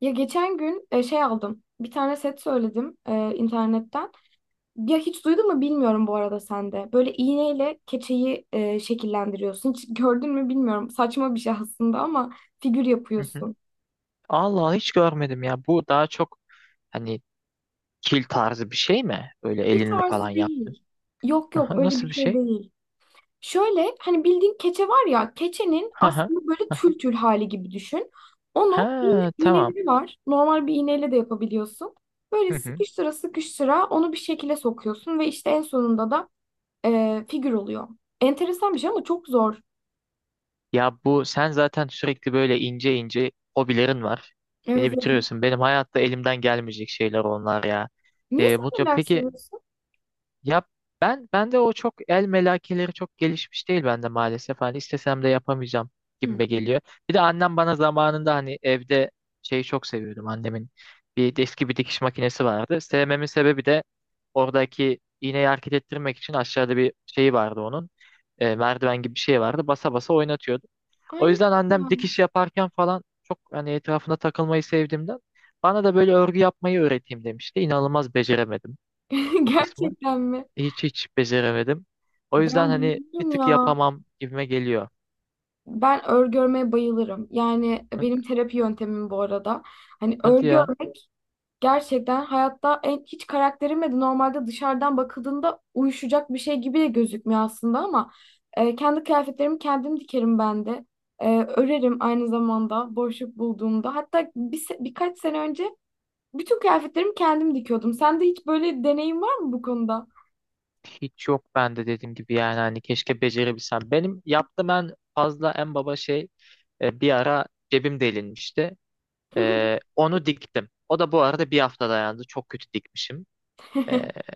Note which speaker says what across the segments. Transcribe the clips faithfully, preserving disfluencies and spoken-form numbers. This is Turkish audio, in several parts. Speaker 1: Ya geçen gün e, şey aldım. Bir tane set söyledim e, internetten. Ya hiç duydun mu bilmiyorum bu arada sen de. Böyle iğneyle keçeyi e, şekillendiriyorsun. Hiç gördün mü bilmiyorum. Saçma bir şey aslında ama figür
Speaker 2: Hı hı.
Speaker 1: yapıyorsun.
Speaker 2: Allah hiç görmedim ya. Bu daha çok hani kil tarzı bir şey mi? Böyle
Speaker 1: Kil
Speaker 2: elinle falan
Speaker 1: tarzı
Speaker 2: yaptın.
Speaker 1: değil. Yok yok
Speaker 2: Aha,
Speaker 1: öyle bir
Speaker 2: nasıl bir
Speaker 1: şey
Speaker 2: şey?
Speaker 1: değil. Şöyle hani bildiğin keçe var ya, keçenin
Speaker 2: Ha ha.
Speaker 1: aslında böyle tül tül hali gibi düşün. Onu
Speaker 2: Ha
Speaker 1: iğne,
Speaker 2: tamam.
Speaker 1: iğneleri var. Normal bir iğneyle de yapabiliyorsun. Böyle sıkıştıra sıkıştıra onu bir şekilde sokuyorsun ve işte en sonunda da e, figür oluyor. Enteresan bir şey ama çok zor.
Speaker 2: Ya bu sen zaten sürekli böyle ince ince hobilerin var.
Speaker 1: Evet.
Speaker 2: Beni
Speaker 1: evet.
Speaker 2: bitiriyorsun. Benim hayatta elimden gelmeyecek şeyler onlar ya.
Speaker 1: Niye,
Speaker 2: E,
Speaker 1: sen
Speaker 2: mutlu.
Speaker 1: neler
Speaker 2: Peki
Speaker 1: sanıyorsun?
Speaker 2: yap, ben ben de o çok el melekeleri çok gelişmiş değil bende maalesef. Hani istesem de yapamayacağım
Speaker 1: Hı.
Speaker 2: gibime geliyor. Bir de annem bana zamanında hani evde şeyi çok seviyordum. Annemin bir eski bir dikiş makinesi vardı. Sevmemin sebebi de oradaki iğneyi hareket ettirmek için aşağıda bir şeyi vardı onun. E, merdiven gibi bir şey vardı. Basa basa oynatıyordu. O
Speaker 1: Aynı
Speaker 2: yüzden annem
Speaker 1: yani.
Speaker 2: dikiş yaparken falan çok hani etrafına takılmayı sevdiğimden bana da böyle örgü yapmayı öğreteyim demişti. İnanılmaz beceremedim o kısmı.
Speaker 1: Gerçekten mi?
Speaker 2: Hiç hiç beceremedim. O yüzden
Speaker 1: Ben
Speaker 2: hani bir
Speaker 1: bayılırım
Speaker 2: tık
Speaker 1: ya.
Speaker 2: yapamam gibime geliyor.
Speaker 1: Ben örgü örmeye bayılırım. Yani benim terapi yöntemim bu arada. Hani
Speaker 2: Hadi
Speaker 1: örgü
Speaker 2: ya,
Speaker 1: örmek gerçekten hayatta en, hiç karakterime de normalde dışarıdan bakıldığında uyuşacak bir şey gibi de gözükmüyor aslında, ama e, kendi kıyafetlerimi kendim dikerim ben de. E, örerim aynı zamanda boşluk bulduğumda. Hatta bir, se- birkaç sene önce bütün kıyafetlerimi kendim dikiyordum. Sende hiç böyle deneyim var mı bu konuda?
Speaker 2: hiç yok bende dediğim gibi yani hani keşke becerebilsem. Benim yaptığım en fazla en baba şey, e, bir ara cebim delinmişti. E, onu diktim. O da bu arada bir hafta dayandı. Çok kötü dikmişim. E,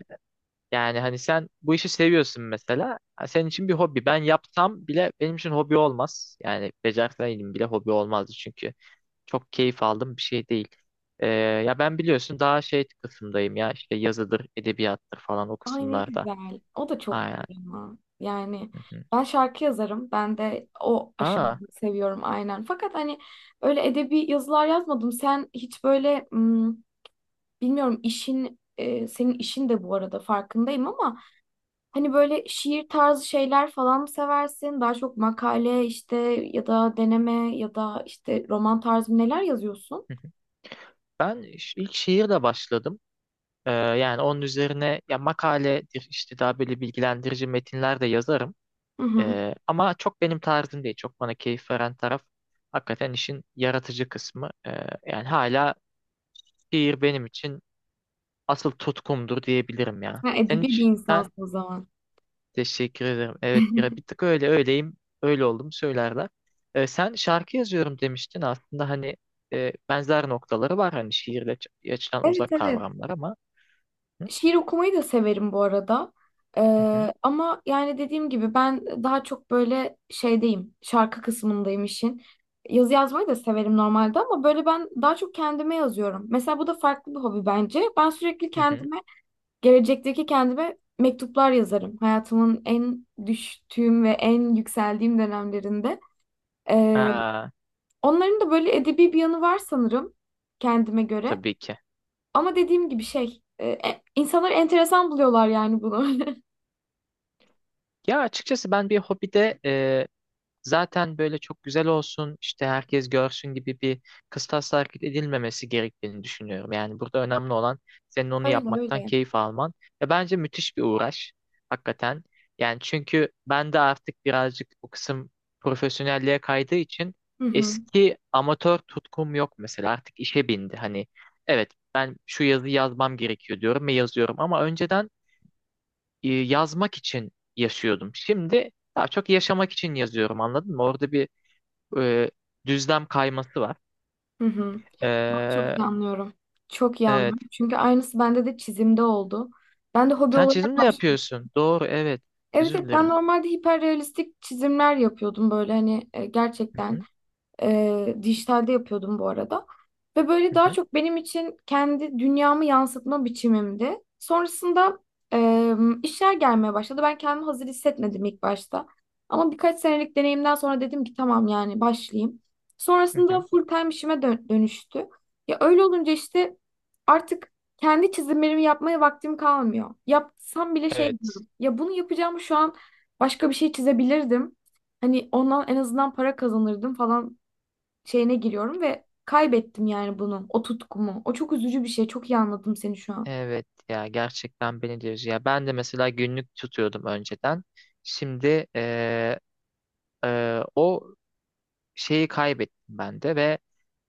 Speaker 2: Yani hani sen bu işi seviyorsun mesela. Ha, senin için bir hobi. Ben yapsam bile benim için hobi olmaz. Yani becerseydim bile hobi olmazdı çünkü çok keyif aldığım bir şey değil. Ee, ya ben biliyorsun daha şey kısımdayım ya işte yazıdır, edebiyattır falan o
Speaker 1: Ay, ne
Speaker 2: kısımlarda.
Speaker 1: güzel. O da çok
Speaker 2: Aynen.
Speaker 1: güzel ama. Yani
Speaker 2: Hı hı.
Speaker 1: ben şarkı yazarım. Ben de o aşamayı
Speaker 2: Aa,
Speaker 1: seviyorum aynen. Fakat hani öyle edebi yazılar yazmadım. Sen hiç böyle, hmm, bilmiyorum işin e, senin işin de bu arada farkındayım ama hani böyle şiir tarzı şeyler falan mı seversin? Daha çok makale, işte ya da deneme ya da işte roman tarzı, neler yazıyorsun?
Speaker 2: hı hı. ben iş- ilk şiirle başladım. Ee, yani onun üzerine ya makaledir işte daha böyle bilgilendirici metinler de yazarım.
Speaker 1: Hı hı.
Speaker 2: Ee, ama çok benim tarzım değil. Çok bana keyif veren taraf hakikaten işin yaratıcı kısmı. Ee, yani hala şiir benim için asıl tutkumdur diyebilirim ya.
Speaker 1: Ha,
Speaker 2: Sen
Speaker 1: edebi bir
Speaker 2: hiç sen
Speaker 1: insansın o zaman.
Speaker 2: teşekkür ederim. Evet bir, bir tık öyle öyleyim. Öyle oldum söylerler. Ee, sen şarkı yazıyorum demiştin aslında hani e, benzer noktaları var hani şiirle ç- açılan
Speaker 1: Evet
Speaker 2: uzak
Speaker 1: evet.
Speaker 2: kavramlar ama hı
Speaker 1: Şiir okumayı da severim bu arada.
Speaker 2: hı hı.
Speaker 1: Ee, ama yani dediğim gibi ben daha çok böyle şeydeyim. Şarkı kısmındayım işin. Yazı yazmayı da severim normalde ama böyle ben daha çok kendime yazıyorum. Mesela bu da farklı bir hobi bence. Ben sürekli
Speaker 2: Hı.
Speaker 1: kendime, gelecekteki kendime mektuplar yazarım. Hayatımın en düştüğüm ve en yükseldiğim dönemlerinde. Ee,
Speaker 2: Ha,
Speaker 1: Onların da böyle edebi bir yanı var sanırım, kendime göre.
Speaker 2: tabii ki.
Speaker 1: Ama dediğim gibi, şey, e, e, insanlar enteresan buluyorlar yani bunu.
Speaker 2: Ya açıkçası ben bir hobide zaten böyle çok güzel olsun işte herkes görsün gibi bir kıstasla hareket edilmemesi gerektiğini düşünüyorum. Yani burada önemli olan senin onu
Speaker 1: Öyle
Speaker 2: yapmaktan
Speaker 1: öyle.
Speaker 2: keyif alman ve bence müthiş bir uğraş hakikaten. Yani çünkü ben de artık birazcık bu kısım profesyonelliğe kaydığı için
Speaker 1: Hı hı.
Speaker 2: eski amatör tutkum yok mesela artık işe bindi. Hani evet ben şu yazıyı yazmam gerekiyor diyorum ve yazıyorum ama önceden e, yazmak için yaşıyordum. Şimdi daha çok yaşamak için yazıyorum anladın mı? Orada bir e, düzlem kayması var.
Speaker 1: Hı hı. Ben çok
Speaker 2: Ee,
Speaker 1: iyi anlıyorum. Çok iyi
Speaker 2: evet.
Speaker 1: anlıyorum. Çünkü aynısı bende de çizimde oldu. Ben de hobi
Speaker 2: Sen
Speaker 1: olarak
Speaker 2: çizim de
Speaker 1: başladım.
Speaker 2: yapıyorsun. Doğru, evet.
Speaker 1: Evet,
Speaker 2: Özür
Speaker 1: evet, ben
Speaker 2: dilerim.
Speaker 1: normalde hiperrealistik çizimler yapıyordum, böyle hani e,
Speaker 2: Hı
Speaker 1: gerçekten.
Speaker 2: hı,
Speaker 1: Ee, dijitalde yapıyordum bu arada. Ve böyle
Speaker 2: hı
Speaker 1: daha
Speaker 2: hı,
Speaker 1: çok benim için kendi dünyamı yansıtma biçimimdi. Sonrasında e, işler gelmeye başladı. Ben kendimi hazır hissetmedim ilk başta. Ama birkaç senelik deneyimden sonra dedim ki tamam, yani başlayayım.
Speaker 2: hı
Speaker 1: Sonrasında
Speaker 2: hı.
Speaker 1: full time işime dö- dönüştü. Ya öyle olunca işte artık kendi çizimlerimi yapmaya vaktim kalmıyor. Yapsam bile şey
Speaker 2: Evet.
Speaker 1: diyorum. Ya bunu yapacağım şu an, başka bir şey çizebilirdim. Hani ondan en azından para kazanırdım falan şeyine giriyorum ve kaybettim yani bunu, o tutkumu. O çok üzücü bir şey. Çok iyi anladım seni şu an.
Speaker 2: Evet ya gerçekten beni de üzüyor. Ya ben de mesela günlük tutuyordum önceden. Şimdi e, e, o şeyi kaybettim ben de ve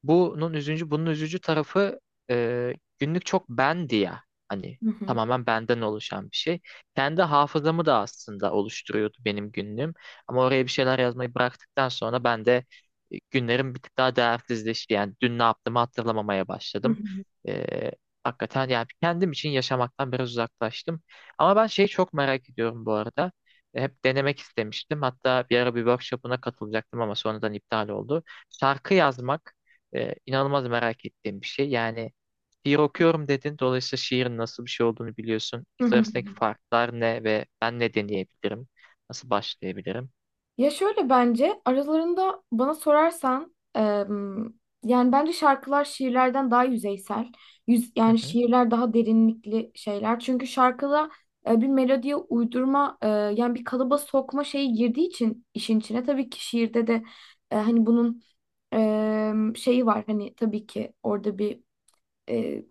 Speaker 2: bunun üzücü, bunun üzücü tarafı, e, günlük çok bendi ya. Hani
Speaker 1: Hı hı.
Speaker 2: tamamen benden oluşan bir şey. Kendi hafızamı da aslında oluşturuyordu benim günlüğüm. Ama oraya bir şeyler yazmayı bıraktıktan sonra ben de e, günlerim bir tık daha değersizleşti. Yani dün ne yaptığımı hatırlamamaya
Speaker 1: Hı
Speaker 2: başladım.
Speaker 1: hı.
Speaker 2: E, Hakikaten yani kendim için yaşamaktan biraz uzaklaştım. Ama ben şeyi çok merak ediyorum bu arada. E, Hep denemek istemiştim. Hatta bir ara bir workshop'una katılacaktım ama sonradan iptal oldu. Şarkı yazmak ee, inanılmaz merak ettiğim bir şey. Yani şiir okuyorum dedin. Dolayısıyla şiirin nasıl bir şey olduğunu biliyorsun.
Speaker 1: Hı
Speaker 2: İkisi
Speaker 1: hı.
Speaker 2: arasındaki farklar ne ve ben ne deneyebilirim? Nasıl başlayabilirim?
Speaker 1: Ya şöyle, bence aralarında, bana sorarsan em, yani bence şarkılar şiirlerden daha yüzeysel. Yüz,
Speaker 2: Hı
Speaker 1: yani
Speaker 2: hı.
Speaker 1: şiirler daha derinlikli şeyler. Çünkü şarkıda e, bir melodiye uydurma, e, yani bir kalıba sokma şeyi girdiği için işin içine. Tabii ki şiirde de e, hani bunun em, şeyi var, hani tabii ki orada bir e,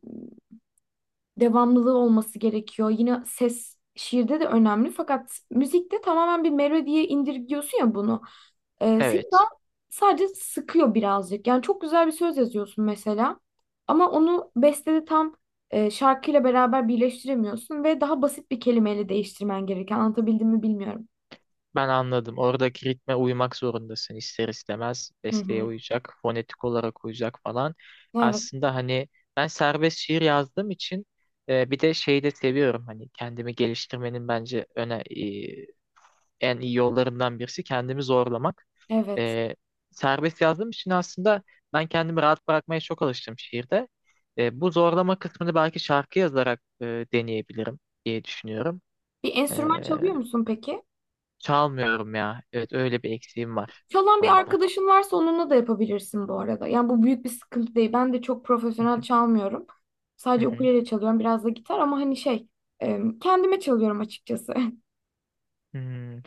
Speaker 1: devamlılığı olması gerekiyor. Yine ses şiirde de önemli, fakat müzikte tamamen bir melodiye indirgiyorsun ya bunu. Ee, seni daha
Speaker 2: Evet.
Speaker 1: sadece sıkıyor birazcık. Yani çok güzel bir söz yazıyorsun mesela ama onu bestede tam e, şarkıyla beraber birleştiremiyorsun ve daha basit bir kelimeyle değiştirmen gereken. Anlatabildim mi bilmiyorum.
Speaker 2: Ben anladım. Oradaki ritme uymak zorundasın ister istemez.
Speaker 1: Hı
Speaker 2: Besteye
Speaker 1: hı.
Speaker 2: uyacak, fonetik olarak uyacak falan.
Speaker 1: Evet,
Speaker 2: Aslında hani ben serbest şiir yazdığım için e, bir de şeyi de seviyorum. Hani kendimi geliştirmenin bence öne, en iyi yollarımdan birisi kendimi zorlamak.
Speaker 1: evet.
Speaker 2: E, Serbest yazdığım için aslında ben kendimi rahat bırakmaya çok alıştım şiirde. E, bu zorlama kısmını belki şarkı yazarak e, deneyebilirim diye düşünüyorum.
Speaker 1: Bir
Speaker 2: E,
Speaker 1: enstrüman çalıyor musun peki?
Speaker 2: Çalmıyorum ya. Evet öyle bir eksiğim var bu
Speaker 1: Çalan bir
Speaker 2: konuda.
Speaker 1: arkadaşın varsa onunla da yapabilirsin bu arada. Yani bu büyük bir sıkıntı değil. Ben de çok
Speaker 2: Hı
Speaker 1: profesyonel
Speaker 2: hı,
Speaker 1: çalmıyorum.
Speaker 2: hı
Speaker 1: Sadece
Speaker 2: hı.
Speaker 1: ukulele çalıyorum, biraz da gitar, ama hani şey, e, kendime çalıyorum açıkçası.
Speaker 2: Hmm,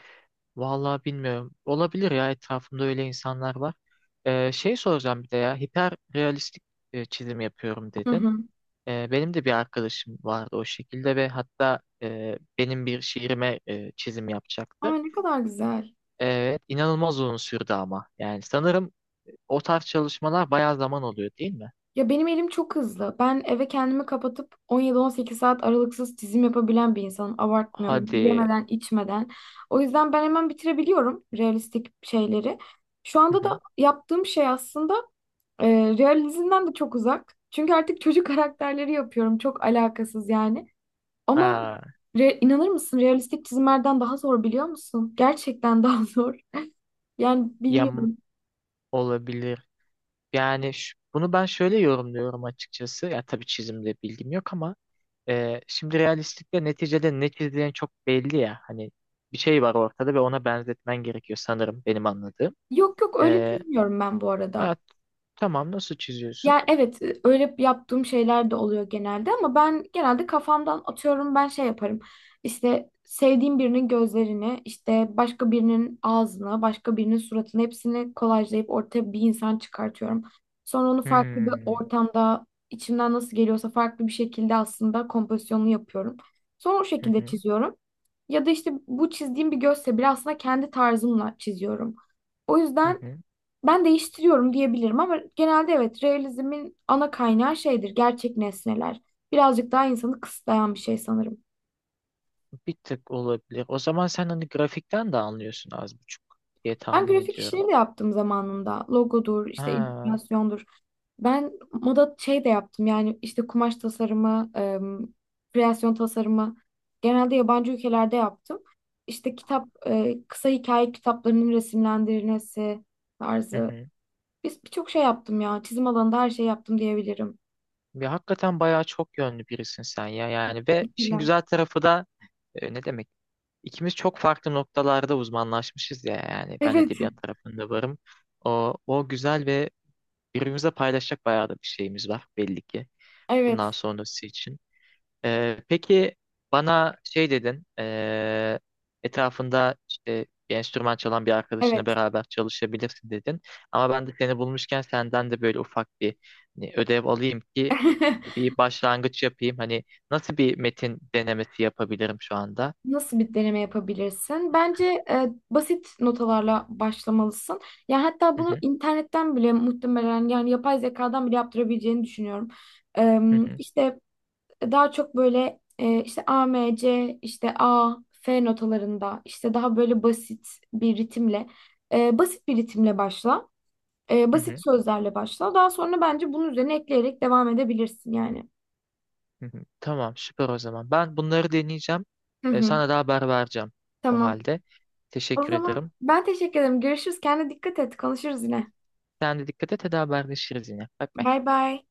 Speaker 2: vallahi bilmiyorum. Olabilir ya, etrafımda öyle insanlar var. E, şey soracağım bir de, ya hiperrealistik e, çizim yapıyorum
Speaker 1: Hı
Speaker 2: dedin.
Speaker 1: hı.
Speaker 2: E, benim de bir arkadaşım vardı o şekilde ve hatta e, benim bir şiirime e, çizim
Speaker 1: Aa,
Speaker 2: yapacaktı.
Speaker 1: ne kadar güzel.
Speaker 2: Evet, inanılmaz uzun sürdü ama. Yani sanırım o tarz çalışmalar bayağı zaman oluyor değil mi?
Speaker 1: Ya benim elim çok hızlı. Ben eve kendimi kapatıp on yedi on sekiz saat aralıksız çizim yapabilen bir insanım. Abartmıyorum.
Speaker 2: Hadi.
Speaker 1: Yemeden, içmeden. O yüzden ben hemen bitirebiliyorum realistik şeyleri. Şu
Speaker 2: Hı
Speaker 1: anda
Speaker 2: hı.
Speaker 1: da yaptığım şey aslında E, realizmden de çok uzak. Çünkü artık çocuk karakterleri yapıyorum. Çok alakasız yani. Ama
Speaker 2: Aa,
Speaker 1: re- inanır mısın, realistik çizimlerden daha zor biliyor musun? Gerçekten daha zor. Yani
Speaker 2: yam
Speaker 1: bilmiyorum.
Speaker 2: olabilir. Yani ş- bunu ben şöyle yorumluyorum açıkçası. Ya tabii çizimde bilgim yok ama e, şimdi realistlikle neticede ne çizdiğin çok belli ya. Hani bir şey var ortada ve ona benzetmen gerekiyor sanırım benim anladığım.
Speaker 1: Yok yok, öyle çizmiyorum ben bu arada.
Speaker 2: Evet, tamam, nasıl çiziyorsun?
Speaker 1: Yani evet, e, öyle yaptığım şeyler de oluyor genelde, ama ben genelde kafamdan atıyorum, ben şey yaparım. İşte sevdiğim birinin gözlerini, işte başka birinin ağzını, başka birinin suratını, hepsini kolajlayıp ortaya bir insan çıkartıyorum. Sonra onu farklı bir
Speaker 2: Hmm,
Speaker 1: ortamda, içimden nasıl geliyorsa farklı bir şekilde aslında kompozisyonunu yapıyorum. Sonra o
Speaker 2: hı
Speaker 1: şekilde
Speaker 2: hı,
Speaker 1: çiziyorum. Ya da işte bu çizdiğim bir gözse bile, aslında kendi tarzımla çiziyorum. O
Speaker 2: hı
Speaker 1: yüzden
Speaker 2: hı.
Speaker 1: ben değiştiriyorum diyebilirim ama genelde, evet, realizmin ana kaynağı şeydir, gerçek nesneler. Birazcık daha insanı kısıtlayan bir şey sanırım.
Speaker 2: Bir tık olabilir. O zaman sen hani grafikten de anlıyorsun az buçuk diye
Speaker 1: Ben
Speaker 2: tahmin
Speaker 1: grafik
Speaker 2: ediyorum.
Speaker 1: işleri de yaptım zamanında. Logodur, işte
Speaker 2: Ha,
Speaker 1: illüstrasyondur. Ben moda şey de yaptım, yani işte kumaş tasarımı, em, kreasyon tasarımı, genelde yabancı ülkelerde yaptım. İşte kitap, e, kısa hikaye kitaplarının resimlendirilmesi
Speaker 2: hı
Speaker 1: tarzı.
Speaker 2: hı.
Speaker 1: Biz birçok şey yaptım ya. Çizim alanında her şey yaptım diyebilirim.
Speaker 2: Ve hakikaten bayağı çok yönlü birisin sen ya yani ve işin
Speaker 1: Teşekkürler.
Speaker 2: güzel tarafı da e, ne demek? İkimiz çok farklı noktalarda uzmanlaşmışız ya yani ben
Speaker 1: Evet,
Speaker 2: edebiyat tarafında varım. O, o güzel ve birbirimize paylaşacak bayağı da bir şeyimiz var belli ki
Speaker 1: evet.
Speaker 2: bundan sonrası için. Ee, peki bana şey dedin, ee, etrafında işte bir enstrüman çalan bir arkadaşınla
Speaker 1: Evet.
Speaker 2: beraber çalışabilirsin dedin. Ama ben de seni bulmuşken senden de böyle ufak bir hani ödev alayım ki bir başlangıç yapayım. Hani nasıl bir metin denemesi yapabilirim şu anda?
Speaker 1: Nasıl bir deneme yapabilirsin? Bence e, basit notalarla başlamalısın. Ya hatta
Speaker 2: Hı
Speaker 1: bunu
Speaker 2: hı,
Speaker 1: internetten bile, muhtemelen yani yapay zekadan bile yaptırabileceğini düşünüyorum. E,
Speaker 2: hı hı,
Speaker 1: işte daha çok böyle e, işte A, M, C, işte A, F notalarında, işte daha böyle basit bir ritimle e, basit bir ritimle başla. E,
Speaker 2: hı
Speaker 1: basit
Speaker 2: hı,
Speaker 1: sözlerle başla. Daha sonra bence bunun üzerine ekleyerek devam edebilirsin yani.
Speaker 2: hı hı. Tamam, süper o zaman. Ben bunları deneyeceğim.
Speaker 1: Hı
Speaker 2: Ee,
Speaker 1: hı.
Speaker 2: sana da haber vereceğim o
Speaker 1: Tamam.
Speaker 2: halde.
Speaker 1: O
Speaker 2: Teşekkür
Speaker 1: zaman
Speaker 2: ederim.
Speaker 1: ben teşekkür ederim. Görüşürüz. Kendine dikkat et. Konuşuruz yine.
Speaker 2: Sen de dikkat et, hadi haberleşiriz yine. Bye bye.
Speaker 1: Bay bay.